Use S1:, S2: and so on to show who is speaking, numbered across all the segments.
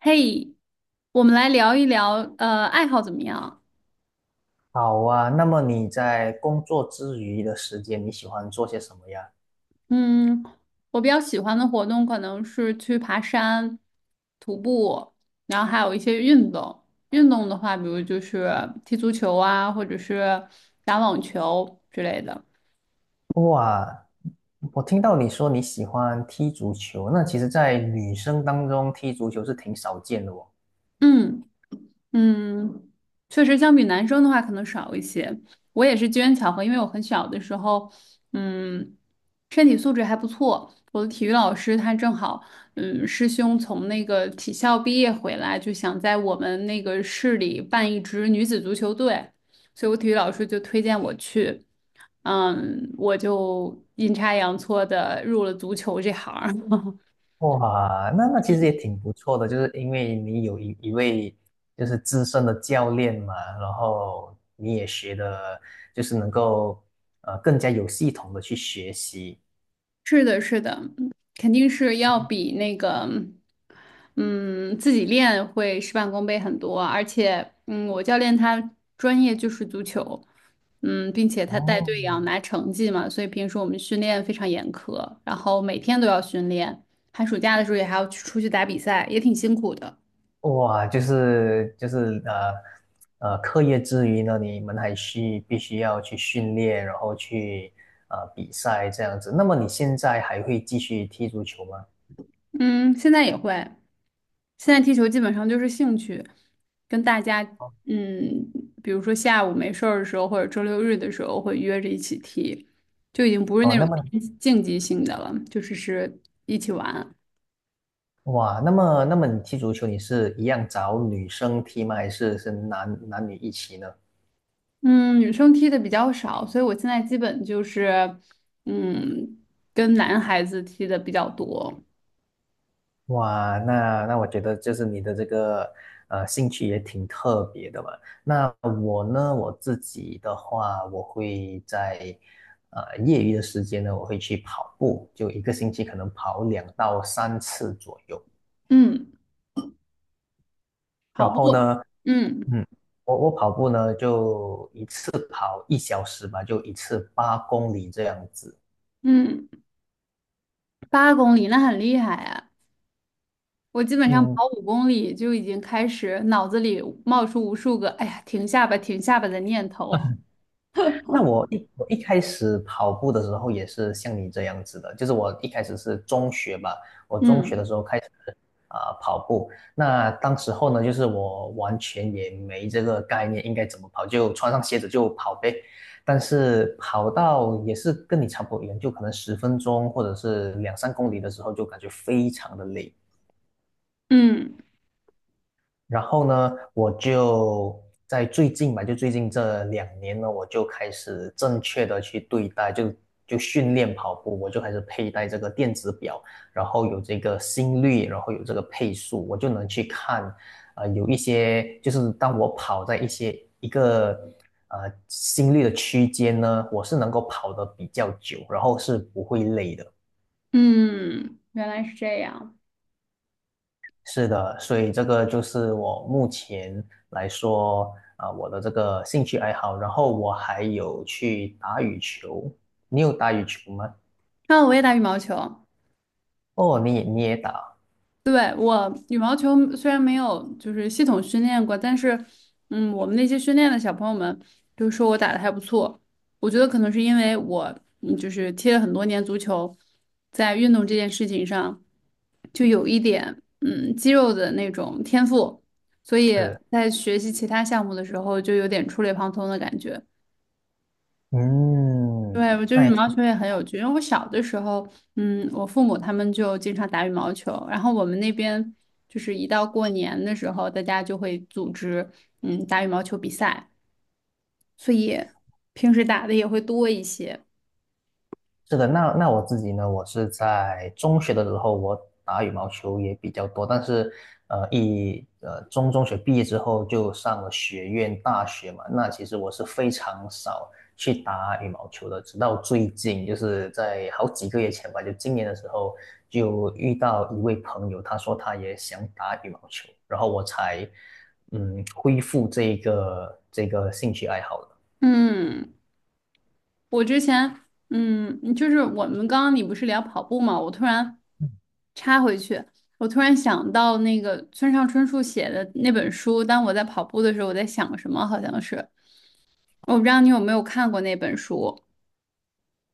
S1: 嘿，我们来聊一聊，爱好怎么样？
S2: 好啊，那么你在工作之余的时间，你喜欢做些什么呀？
S1: 嗯，我比较喜欢的活动可能是去爬山、徒步，然后还有一些运动。运动的话，比如就是踢足球啊，或者是打网球之类的。
S2: 哇，我听到你说你喜欢踢足球，那其实，在女生当中踢足球是挺少见的哦。
S1: 嗯。嗯，确实，相比男生的话，可能少一些。我也是机缘巧合，因为我很小的时候，嗯，身体素质还不错。我的体育老师他正好，师兄从那个体校毕业回来，就想在我们那个市里办一支女子足球队，所以我体育老师就推荐我去，我就阴差阳错的入了足球这行儿。
S2: 哇，那其实也挺不错的，就是因为你有一位就是资深的教练嘛，然后你也学的，就是能够更加有系统的去学习。
S1: 是的，是的，肯定是要比那个，嗯，自己练会事半功倍很多啊。而且，我教练他专业就是足球，并且他带
S2: 哦。
S1: 队也要拿成绩嘛，所以平时我们训练非常严苛，然后每天都要训练，寒暑假的时候也还要去出去打比赛，也挺辛苦的。
S2: 哇，就是，课业之余呢，你们还需必须要去训练，然后去比赛这样子。那么你现在还会继续踢足球吗？
S1: 嗯，现在也会。现在踢球基本上就是兴趣，跟大家，
S2: 哦，
S1: 嗯，比如说下午没事儿的时候，或者周六日的时候会约着一起踢，就已经不是
S2: 哦
S1: 那种
S2: 那么
S1: 偏竞技性的了，就是是一起玩。
S2: 哇，那么你踢足球，你是一样找女生踢吗？还是男女一起呢？
S1: 嗯，女生踢的比较少，所以我现在基本就是，嗯，跟男孩子踢的比较多。
S2: 哇，那我觉得就是你的这个兴趣也挺特别的嘛。那我呢，我自己的话，我会在业余的时间呢，我会去跑步，就一个星期可能跑2到3次左右。
S1: 嗯，跑
S2: 然后
S1: 步。
S2: 呢，
S1: 嗯
S2: 嗯，我跑步呢就一次跑1小时吧，就一次8公里这样子。
S1: 嗯，8公里那很厉害啊。我基本上跑
S2: 嗯，
S1: 五公里就已经开始脑子里冒出无数个"哎呀，停下吧，停下吧"的念头。
S2: 那 我一开始跑步的时候也是像你这样子的，就是我一开始是中学吧，我中学的
S1: 嗯
S2: 时候开始跑步，那当时候呢，就是我完全也没这个概念应该怎么跑，就穿上鞋子就跑呗。但是跑到也是跟你差不多一样，就可能10分钟或者是2、3公里的时候，就感觉非常的累。
S1: 嗯
S2: 然后呢，我就在最近吧，就最近这2年呢，我就开始正确的去对待，就训练跑步，我就开始佩戴这个电子表，然后有这个心率，然后有这个配速，我就能去看，有一些就是当我跑在一个心率的区间呢，我是能够跑得比较久，然后是不会累的。
S1: 嗯，原来是这样。
S2: 是的，所以这个就是我目前来说我的这个兴趣爱好。然后我还有去打羽球，你有打羽球吗？
S1: 那我也打羽毛球。
S2: 哦，你也打，
S1: 对，我羽毛球虽然没有就是系统训练过，但是，我们那些训练的小朋友们都说我打的还不错。我觉得可能是因为我，就是踢了很多年足球，在运动这件事情上就有一点，肌肉的那种天赋，所以
S2: 是，
S1: 在学习其他项目的时候就有点触类旁通的感觉。
S2: 嗯，
S1: 对，我觉得羽毛球也很有趣，因为我小的时候，我父母他们就经常打羽毛球，然后我们那边就是一到过年的时候，大家就会组织打羽毛球比赛，所以平时打的也会多一些。
S2: 是的，那我自己呢，我是在中学的时候，我打羽毛球也比较多，但是，中学毕业之后就上了学院大学嘛，那其实我是非常少去打羽毛球的，直到最近，就是在好几个月前吧，就今年的时候，就遇到一位朋友，他说他也想打羽毛球，然后我才恢复这个兴趣爱好的。
S1: 嗯，我之前就是我们刚刚你不是聊跑步嘛，我突然插回去，我突然想到那个村上春树写的那本书，当我在跑步的时候，我在想什么，好像是。我不知道你有没有看过那本书。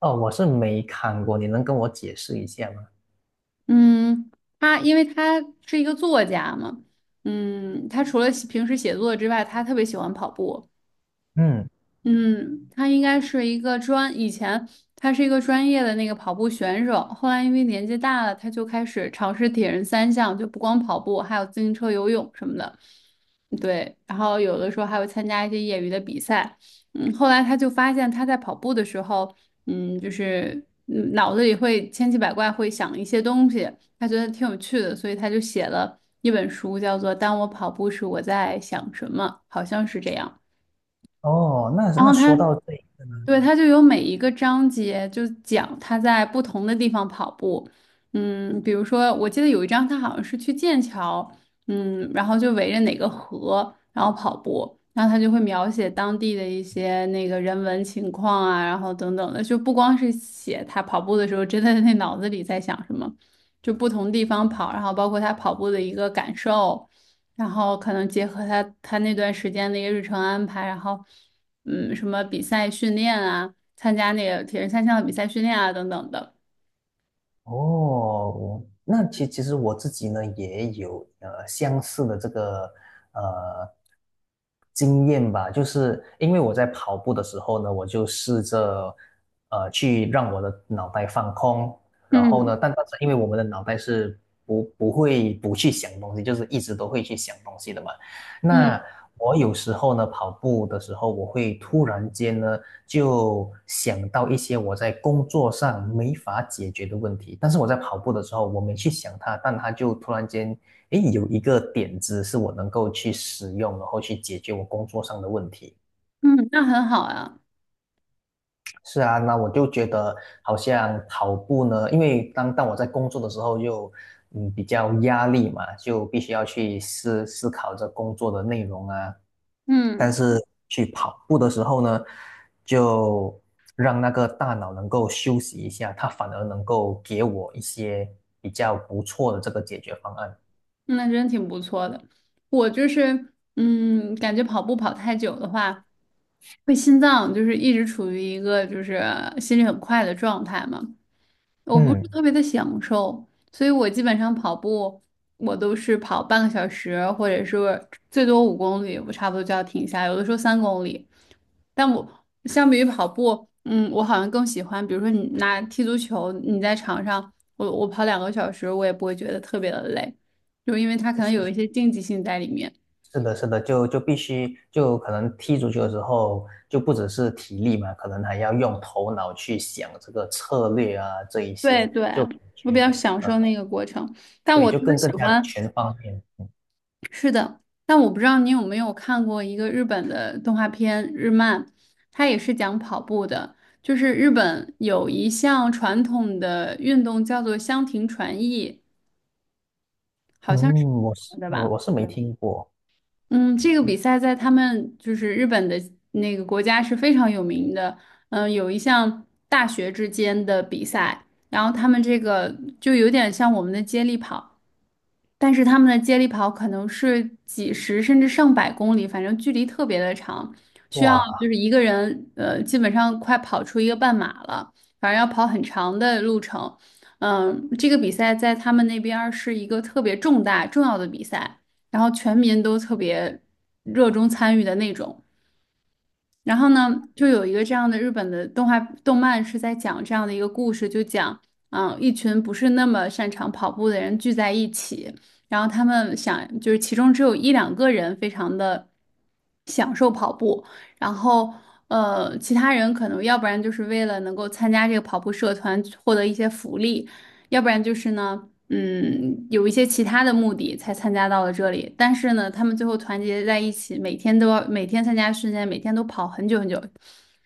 S2: 哦，我是没看过，你能跟我解释一下吗？
S1: 嗯，他因为他是一个作家嘛，他除了写平时写作之外，他特别喜欢跑步。
S2: 嗯。
S1: 嗯，他应该是一个专，以前他是一个专业的那个跑步选手，后来因为年纪大了，他就开始尝试铁人三项，就不光跑步，还有自行车、游泳什么的。对，然后有的时候还会参加一些业余的比赛。后来他就发现他在跑步的时候，就是脑子里会千奇百怪，会想一些东西，他觉得挺有趣的，所以他就写了一本书，叫做《当我跑步时我在想什么》，好像是这样。
S2: 哦，那
S1: 然
S2: 那
S1: 后他
S2: 说到这一个呢，
S1: 对，他就有每一个章节就讲他在不同的地方跑步，比如说我记得有一章他好像是去剑桥，然后就围着哪个河然后跑步，然后他就会描写当地的一些那个人文情况啊，然后等等的，就不光是写他跑步的时候真的那脑子里在想什么，就不同地方跑，然后包括他跑步的一个感受，然后可能结合他那段时间的一个日程安排，然后。什么比赛训练啊，参加那个铁人三项的比赛训练啊等等的。
S2: 哦，那其实我自己呢也有相似的这个呃经验吧，就是因为我在跑步的时候呢，我就试着去让我的脑袋放空，然后呢，
S1: 嗯
S2: 但是因为我们的脑袋是不会不去想东西，就是一直都会去想东西的嘛，
S1: 嗯
S2: 那我有时候呢，跑步的时候，我会突然间呢，就想到一些我在工作上没法解决的问题。但是我在跑步的时候，我没去想它，但它就突然间，诶，有一个点子是我能够去使用，然后去解决我工作上的问题。
S1: 嗯，那很好啊。
S2: 是啊，那我就觉得好像跑步呢，因为当我在工作的时候就，比较压力嘛，就必须要去思考着工作的内容啊。但
S1: 嗯
S2: 是去跑步的时候呢，就让那个大脑能够休息一下，它反而能够给我一些比较不错的这个解决方案。
S1: 那真挺不错的。我就是，感觉跑步跑太久的话，会心脏就是一直处于一个就是心率很快的状态嘛。我不是特
S2: 嗯。
S1: 别的享受，所以我基本上跑步，我都是跑半个小时，或者是最多五公里，我差不多就要停下，有的时候3公里。但我相比于跑步，我好像更喜欢，比如说你拿踢足球，你在场上，我跑2个小时，我也不会觉得特别的累，就因为它可能有一些竞技性在里面。
S2: 是的，是的，就必须就可能踢足球的时候，就不只是体力嘛，可能还要用头脑去想这个策略啊，这一
S1: 对
S2: 些
S1: 对，
S2: 就感
S1: 我比较
S2: 觉
S1: 享受那个过程，但
S2: 对，
S1: 我
S2: 就
S1: 特别
S2: 更
S1: 喜
S2: 更加
S1: 欢。
S2: 全方面。
S1: 是的。但我不知道你有没有看过一个日本的动画片日漫，它也是讲跑步的。就是日本有一项传统的运动叫做箱庭传艺，好像是
S2: 嗯，我是
S1: 的
S2: 我
S1: 吧？
S2: 我是没听过，
S1: 嗯，这个比赛在他们就是日本的那个国家是非常有名的。有一项大学之间的比赛，然后他们这个就有点像我们的接力跑。但是他们的接力跑可能是几十甚至上百公里，反正距离特别的长，需要
S2: 哇，
S1: 就是一个人，基本上快跑出一个半马了，反正要跑很长的路程。这个比赛在他们那边儿是一个特别重大重要的比赛，然后全民都特别热衷参与的那种。然后呢，就有一个这样的日本的动画动漫是在讲这样的一个故事，就讲，一群不是那么擅长跑步的人聚在一起，然后他们想，就是其中只有一两个人非常的享受跑步，然后。其他人可能要不然就是为了能够参加这个跑步社团获得一些福利，要不然就是呢，有一些其他的目的才参加到了这里，但是呢，他们最后团结在一起，每天都要每天参加训练，每天都跑很久很久，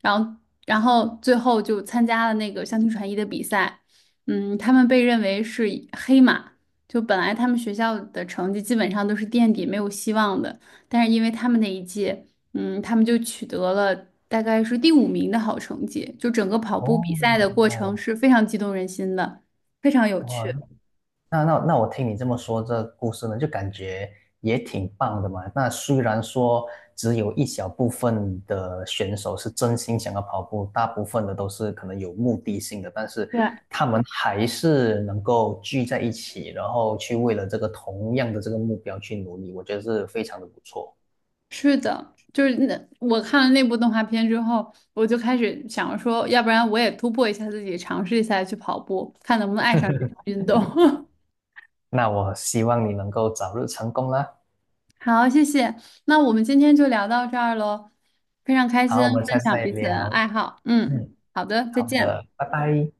S1: 然后最后就参加了那个相亲传艺的比赛。他们被认为是黑马，就本来他们学校的成绩基本上都是垫底，没有希望的，但是因为他们那一届，他们就取得了大概是第五名的好成绩，就整个跑步比
S2: 哦
S1: 赛的过程
S2: 哦
S1: 是非常激动人心的，非常有
S2: 哦，
S1: 趣。
S2: 那我听你这么说，这故事呢，就感觉也挺棒的嘛。那虽然说只有一小部分的选手是真心想要跑步，大部分的都是可能有目的性的，但是
S1: 对。
S2: 他们还是能够聚在一起，然后去为了这个同样的这个目标去努力，我觉得是非常的不错。
S1: 是的，就是那我看了那部动画片之后，我就开始想说，要不然我也突破一下自己，尝试一下去跑步，看能不能爱上这项运动。
S2: 那我希望你能够早日成功啦。
S1: 好，谢谢。那我们今天就聊到这儿喽，非常开心
S2: 好，我们
S1: 分
S2: 下次
S1: 享
S2: 再
S1: 彼此的
S2: 聊。
S1: 爱好。嗯，
S2: 嗯，
S1: 好的，再
S2: 好
S1: 见。
S2: 的，拜拜。